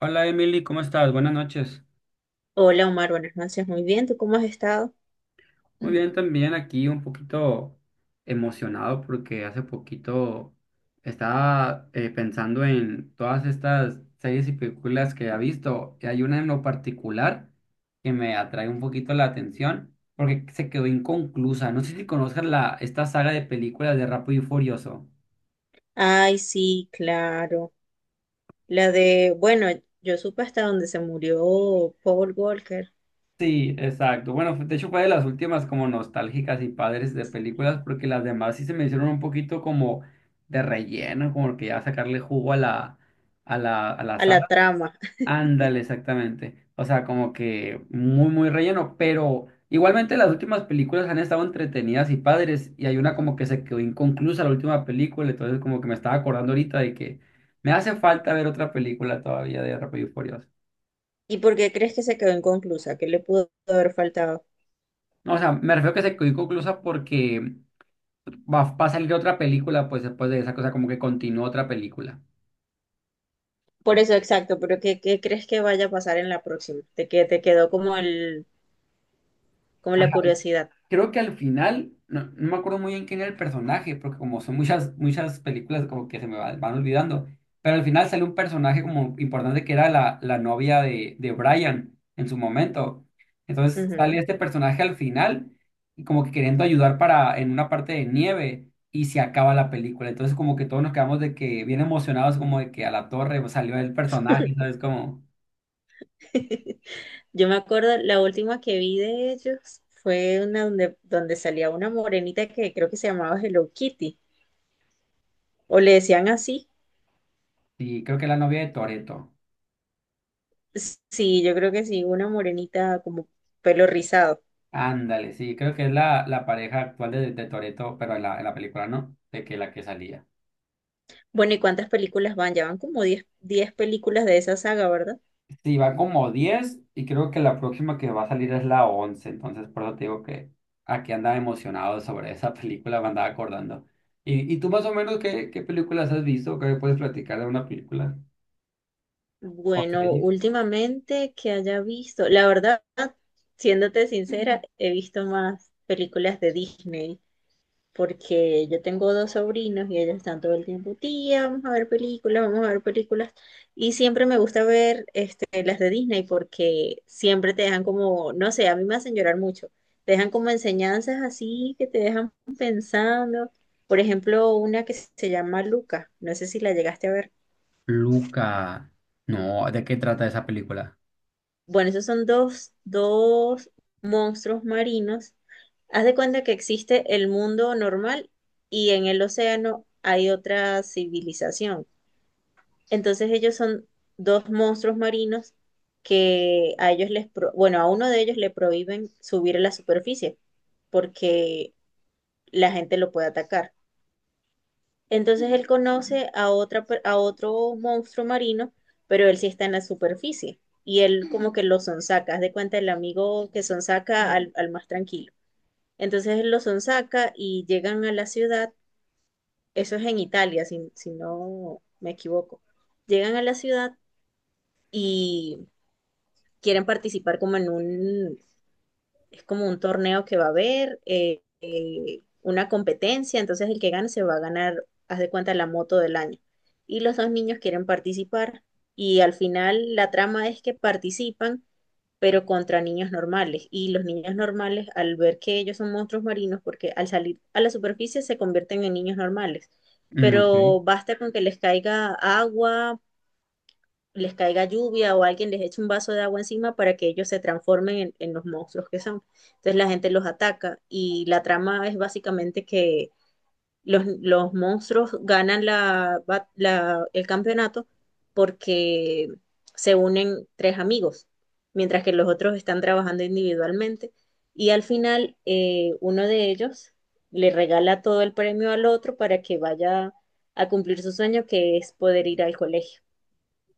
Hola Emily, ¿cómo estás? Buenas noches. Hola, Omar, buenas noches. Muy bien, ¿tú cómo has estado? Muy Mm. bien, también aquí un poquito emocionado porque hace poquito estaba pensando en todas estas series y películas que ha visto y hay una en lo particular que me atrae un poquito la atención porque se quedó inconclusa. No sé si conozcas esta saga de películas de Rápido y Furioso. Ay, sí, claro. La de, bueno, yo supe hasta donde se murió Paul Walker, Sí, exacto. Bueno, de hecho fue de las últimas como nostálgicas y padres de películas, porque las demás sí se me hicieron un poquito como de relleno, como que ya sacarle jugo a la a la saga. trama. Ándale, exactamente. O sea, como que muy, muy relleno, pero igualmente las últimas películas han estado entretenidas y padres, y hay una como que se quedó inconclusa la última película, entonces como que me estaba acordando ahorita de que me hace falta ver otra película todavía de Rápido y Furioso. ¿Y por qué crees que se quedó inconclusa? ¿Qué le pudo haber faltado? No, o sea, me refiero que se quedó inconclusa porque va a salir otra película, pues después de esa cosa, como que continuó otra película. Por eso, exacto, pero ¿qué crees que vaya a pasar en la próxima? Te quedó como como Ajá. la curiosidad. Creo que al final, no me acuerdo muy bien quién era el personaje, porque como son muchas, muchas películas como que se me van olvidando, pero al final sale un personaje como importante que era la novia de Brian en su momento. Entonces Ujú. sale este personaje al final y como que queriendo ayudar para en una parte de nieve y se acaba la película. Entonces como que todos nos quedamos de que bien emocionados como de que a la torre pues, salió el personaje, ¿sabes? Como... Yo me acuerdo, la última que vi de ellos fue una donde, donde salía una morenita que creo que se llamaba Hello Kitty, o le decían así. Sí, creo que es la novia de Toretto. Sí, yo creo que sí, una morenita como pelo rizado. Ándale, sí, creo que es la pareja actual de Toretto, pero en la película no, de que la que salía. Bueno, ¿y cuántas películas van? Ya van como diez películas de esa saga, ¿verdad? Sí, va como 10 y creo que la próxima que va a salir es la 11, entonces por eso te digo que aquí andaba emocionado sobre esa película, me andaba acordando. ¿Y tú más o menos qué películas has visto? ¿Qué me puedes platicar de una película o Bueno, serie? últimamente que haya visto, la verdad, siéndote sincera, he visto más películas de Disney. Porque yo tengo dos sobrinos y ellos están todo el tiempo, tía, vamos a ver películas, vamos a ver películas. Y siempre me gusta ver este, las de Disney porque siempre te dejan como, no sé, a mí me hacen llorar mucho. Te dejan como enseñanzas así que te dejan pensando. Por ejemplo, una que se llama Luca, no sé si la llegaste a ver. Luca. No, ¿de qué trata esa película? Bueno, esos son dos monstruos marinos. Haz de cuenta que existe el mundo normal y en el océano hay otra civilización. Entonces ellos son dos monstruos marinos que a ellos bueno, a uno de ellos le prohíben subir a la superficie porque la gente lo puede atacar. Entonces él conoce a a otro monstruo marino, pero él sí está en la superficie y él como que lo sonsaca, haz de cuenta el amigo que sonsaca al, al más tranquilo. Entonces él lo sonsaca y llegan a la ciudad, eso es en Italia, si no me equivoco. Llegan a la ciudad y quieren participar como en un, es como un torneo que va a haber, una competencia, entonces el que gane se va a ganar, haz de cuenta, la moto del año. Y los dos niños quieren participar y al final la trama es que participan, pero contra niños normales. Y los niños normales, al ver que ellos son monstruos marinos, porque al salir a la superficie se convierten en niños normales, Mm, ok. pero basta con que les caiga agua, les caiga lluvia o alguien les eche un vaso de agua encima para que ellos se transformen en los monstruos que son. Entonces la gente los ataca y la trama es básicamente que los monstruos ganan el campeonato porque se unen tres amigos, mientras que los otros están trabajando individualmente y al final uno de ellos le regala todo el premio al otro para que vaya a cumplir su sueño que es poder ir al colegio.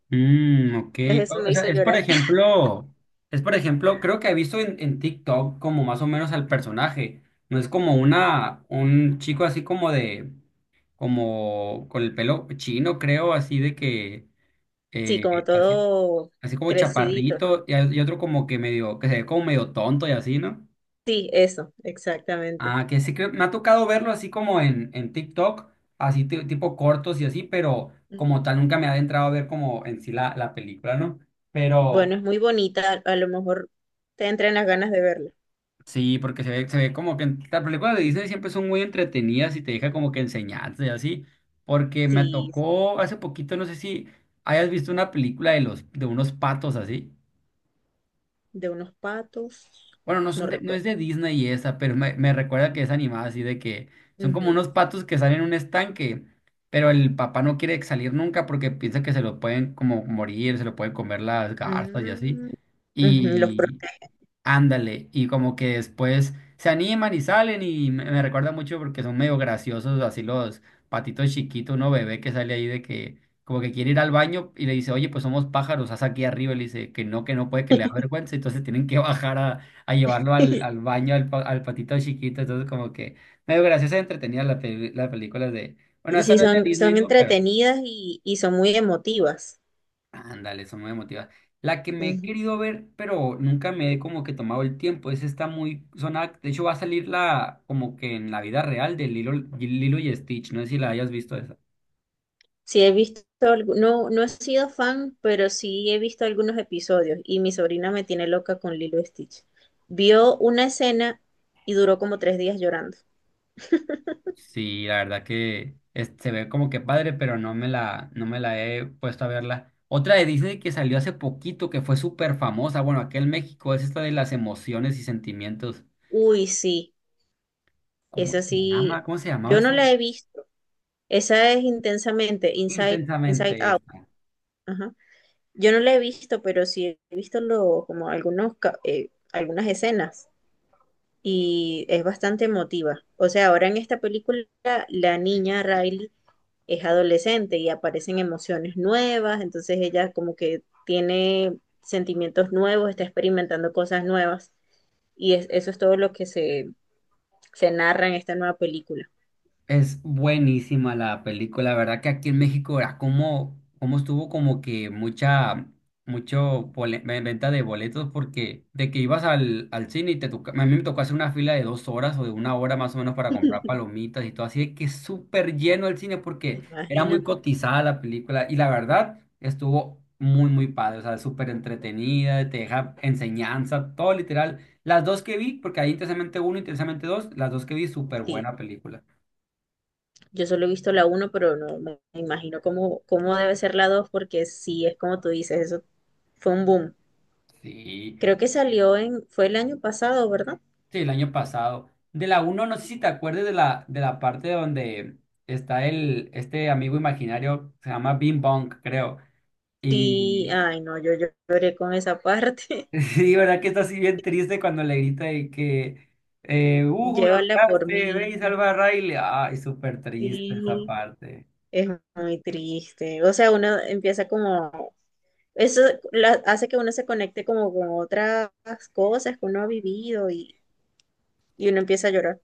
Mm, ok. Entonces eso O me o sea, hizo es por llorar. ejemplo, creo que he visto en TikTok como más o menos al personaje. No es como un chico así como de, como con el pelo chino, creo, así de que, Sí, eh, como así, todo así como crecidito. chaparrito, y otro como que medio, que se ve como medio tonto y así, ¿no? Sí, eso, exactamente. Ah, que sí que me ha tocado verlo así como en TikTok, así tipo cortos y así, pero Ujú. como tal nunca me ha adentrado a ver como en sí la película, ¿no? Pero. Bueno, es muy bonita, a lo mejor te entran las ganas de verla. Sí, porque se ve como que las películas de Disney siempre son muy entretenidas y te deja como que enseñanza y así. Porque me Sí, tocó hace poquito, no sé si hayas visto una película de unos patos así. de unos patos, Bueno, no no son no es recuerdo. de Disney esa, pero me recuerda que es animada así de que son como Ujú. unos patos que salen en un estanque, pero el papá no quiere salir nunca porque piensa que se lo pueden como morir, se lo pueden comer las garzas y así. Mm, ujú. Los protege. Ándale, y como que después se animan y salen y me recuerda mucho porque son medio graciosos, así los patitos chiquitos, uno bebé que sale ahí de que como que quiere ir al baño y le dice, oye, pues somos pájaros, haz aquí arriba, y le dice que no puede, que le da vergüenza, entonces tienen que bajar a llevarlo al baño al patito chiquito, entonces como que medio graciosa y entretenida la película bueno, esta Sí, no es de son, Disney, son ¿no? entretenidas y son muy emotivas. Ándale, son muy motiva. La que me he querido ver, pero nunca me he como que tomado el tiempo. Es Está muy sonada. De hecho, va a salir la como que en la vida real de Lilo y Stitch. No sé si la hayas visto esa. Sí, he visto, no, no he sido fan, pero sí he visto algunos episodios y mi sobrina me tiene loca con Lilo y Stitch. Vio una escena y duró como 3 días llorando. Sí, la verdad que se ve como que padre, pero no me la he puesto a verla. Otra de Disney que salió hace poquito, que fue súper famosa, bueno, aquí en México, es esta de las emociones y sentimientos. Uy, sí, ¿Cómo esa se llama? sí, ¿Cómo se llamaba yo no esa? la he visto. Esa es Intensamente, Inside Intensamente Out. esta. Ajá. Yo no la he visto, pero sí he visto lo, como algunos, algunas escenas y es bastante emotiva. O sea, ahora en esta película la niña Riley es adolescente y aparecen emociones nuevas, entonces ella como que tiene sentimientos nuevos, está experimentando cosas nuevas y eso es todo lo que se narra en esta nueva película. Es buenísima la película, la verdad que aquí en México era como estuvo como que mucha, venta de boletos porque de que ibas al cine y te toca, a mí me tocó hacer una fila de 2 horas o de 1 hora más o menos para comprar palomitas y todo, así de que súper lleno el cine porque era muy Imagínate. cotizada la película y la verdad estuvo muy, muy padre, o sea, súper entretenida, te deja enseñanza, todo literal. Las dos que vi, porque hay intensamente uno, intensamente dos, las dos que vi, súper Sí, buena película. yo solo he visto la uno pero no me imagino cómo, cómo debe ser la 2 porque sí, es como tú dices, eso fue un boom. Sí, Creo que salió en, fue el año pasado, ¿verdad? sí, el año pasado. De la uno no sé si te acuerdas de la parte donde está este amigo imaginario, se llama Bing Bong, creo. Sí, Y ay no, yo lloré con esa parte. sí, ¿verdad que está así bien triste cuando le grita de que, Hugo, lo Llévala por lograste, ve y mí. salva a Riley. Ay, súper triste esa Sí, parte. es muy triste. O sea, uno empieza como, eso hace que uno se conecte como con otras cosas que uno ha vivido y uno empieza a llorar.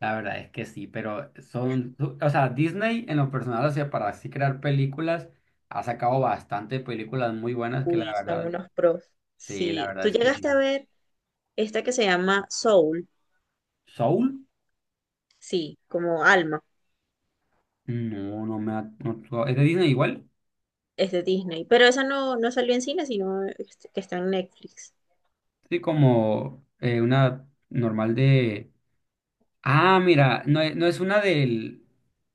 La verdad es que sí, pero son, o sea, Disney en lo personal, o sea, para así crear películas, ha sacado bastante películas muy buenas que la Uy, son verdad, unos pros. sí, la Sí. verdad Tú es que llegaste a sí. ver esta que se llama Soul, ¿Soul? sí, como Alma, No, ¿Es de Disney igual? es de Disney, pero esa no, no salió en cine, sino este, que está en Netflix. Sí, como una normal de... Ah, mira, no, no es una del...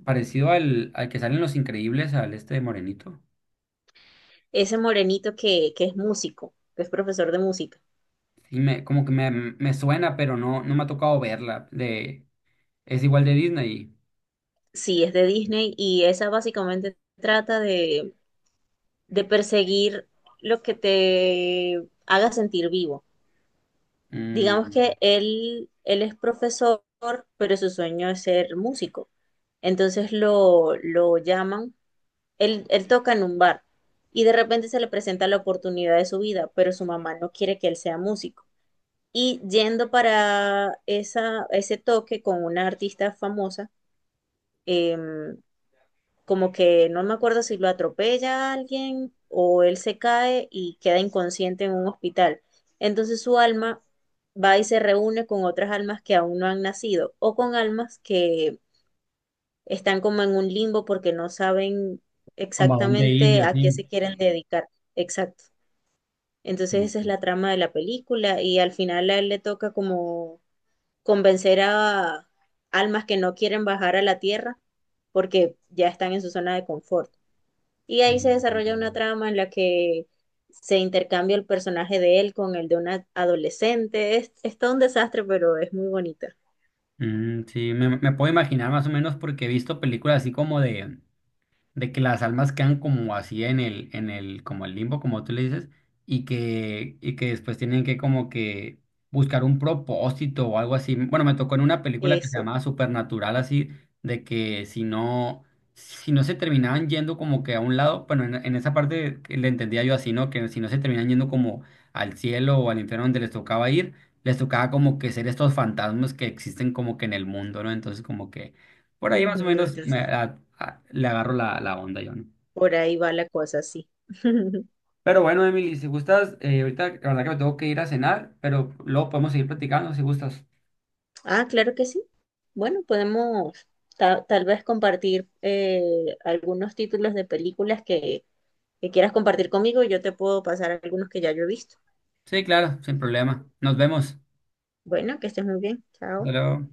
Parecido al que salen Los Increíbles, al este de Morenito. Ese morenito que es músico, que es profesor de música. Sí, como que me suena, pero no me ha tocado verla. Es igual de Disney. Sí, es de Disney y esa básicamente trata de perseguir lo que te haga sentir vivo. Digamos Mm, que él es profesor, pero su sueño es ser músico. Entonces lo llaman, él toca en un bar y de repente se le presenta la oportunidad de su vida, pero su mamá no quiere que él sea músico. Y yendo para esa, ese toque con una artista famosa, em, como que no me acuerdo si lo atropella a alguien o él se cae y queda inconsciente en un hospital. Entonces su alma va y se reúne con otras almas que aún no han nacido o con almas que están como en un limbo porque no saben Como a dónde ir y exactamente a qué así. se quieren dedicar. Exacto. Entonces esa es Mm, la trama de la película y al final a él le toca como convencer a almas que no quieren bajar a la tierra porque ya están en su zona de confort. Y ahí se mm, desarrolla una mm. trama en la que se intercambia el personaje de él con el de una adolescente. Es todo un desastre, pero es muy bonita. Mm, sí, me puedo imaginar más o menos porque he visto películas así como de... De que las almas quedan como así en el, como el limbo, como tú le dices, y que después tienen que como que buscar un propósito o algo así. Bueno, me tocó en una película que se Eso. llamaba Supernatural, así, de que si no se terminaban yendo como que a un lado, bueno, en esa parte que le entendía yo así, ¿no? Que si no se terminaban yendo como al cielo o al infierno donde les tocaba ir, les tocaba como que ser estos fantasmas que existen como que en el mundo, ¿no? Entonces como que por ahí Ujú. más o menos Entonces, le agarro la onda yo, ¿no? por ahí va la cosa, sí. Pero bueno, Emily, si gustas, ahorita la verdad que me tengo que ir a cenar, pero luego podemos seguir platicando si gustas. Ah, claro que sí. Bueno, podemos tal vez compartir algunos títulos de películas que quieras compartir conmigo y yo te puedo pasar algunos que ya yo he visto. Sí, claro, sin problema. Nos vemos. Bueno, que estés muy bien. Hasta Chao. luego.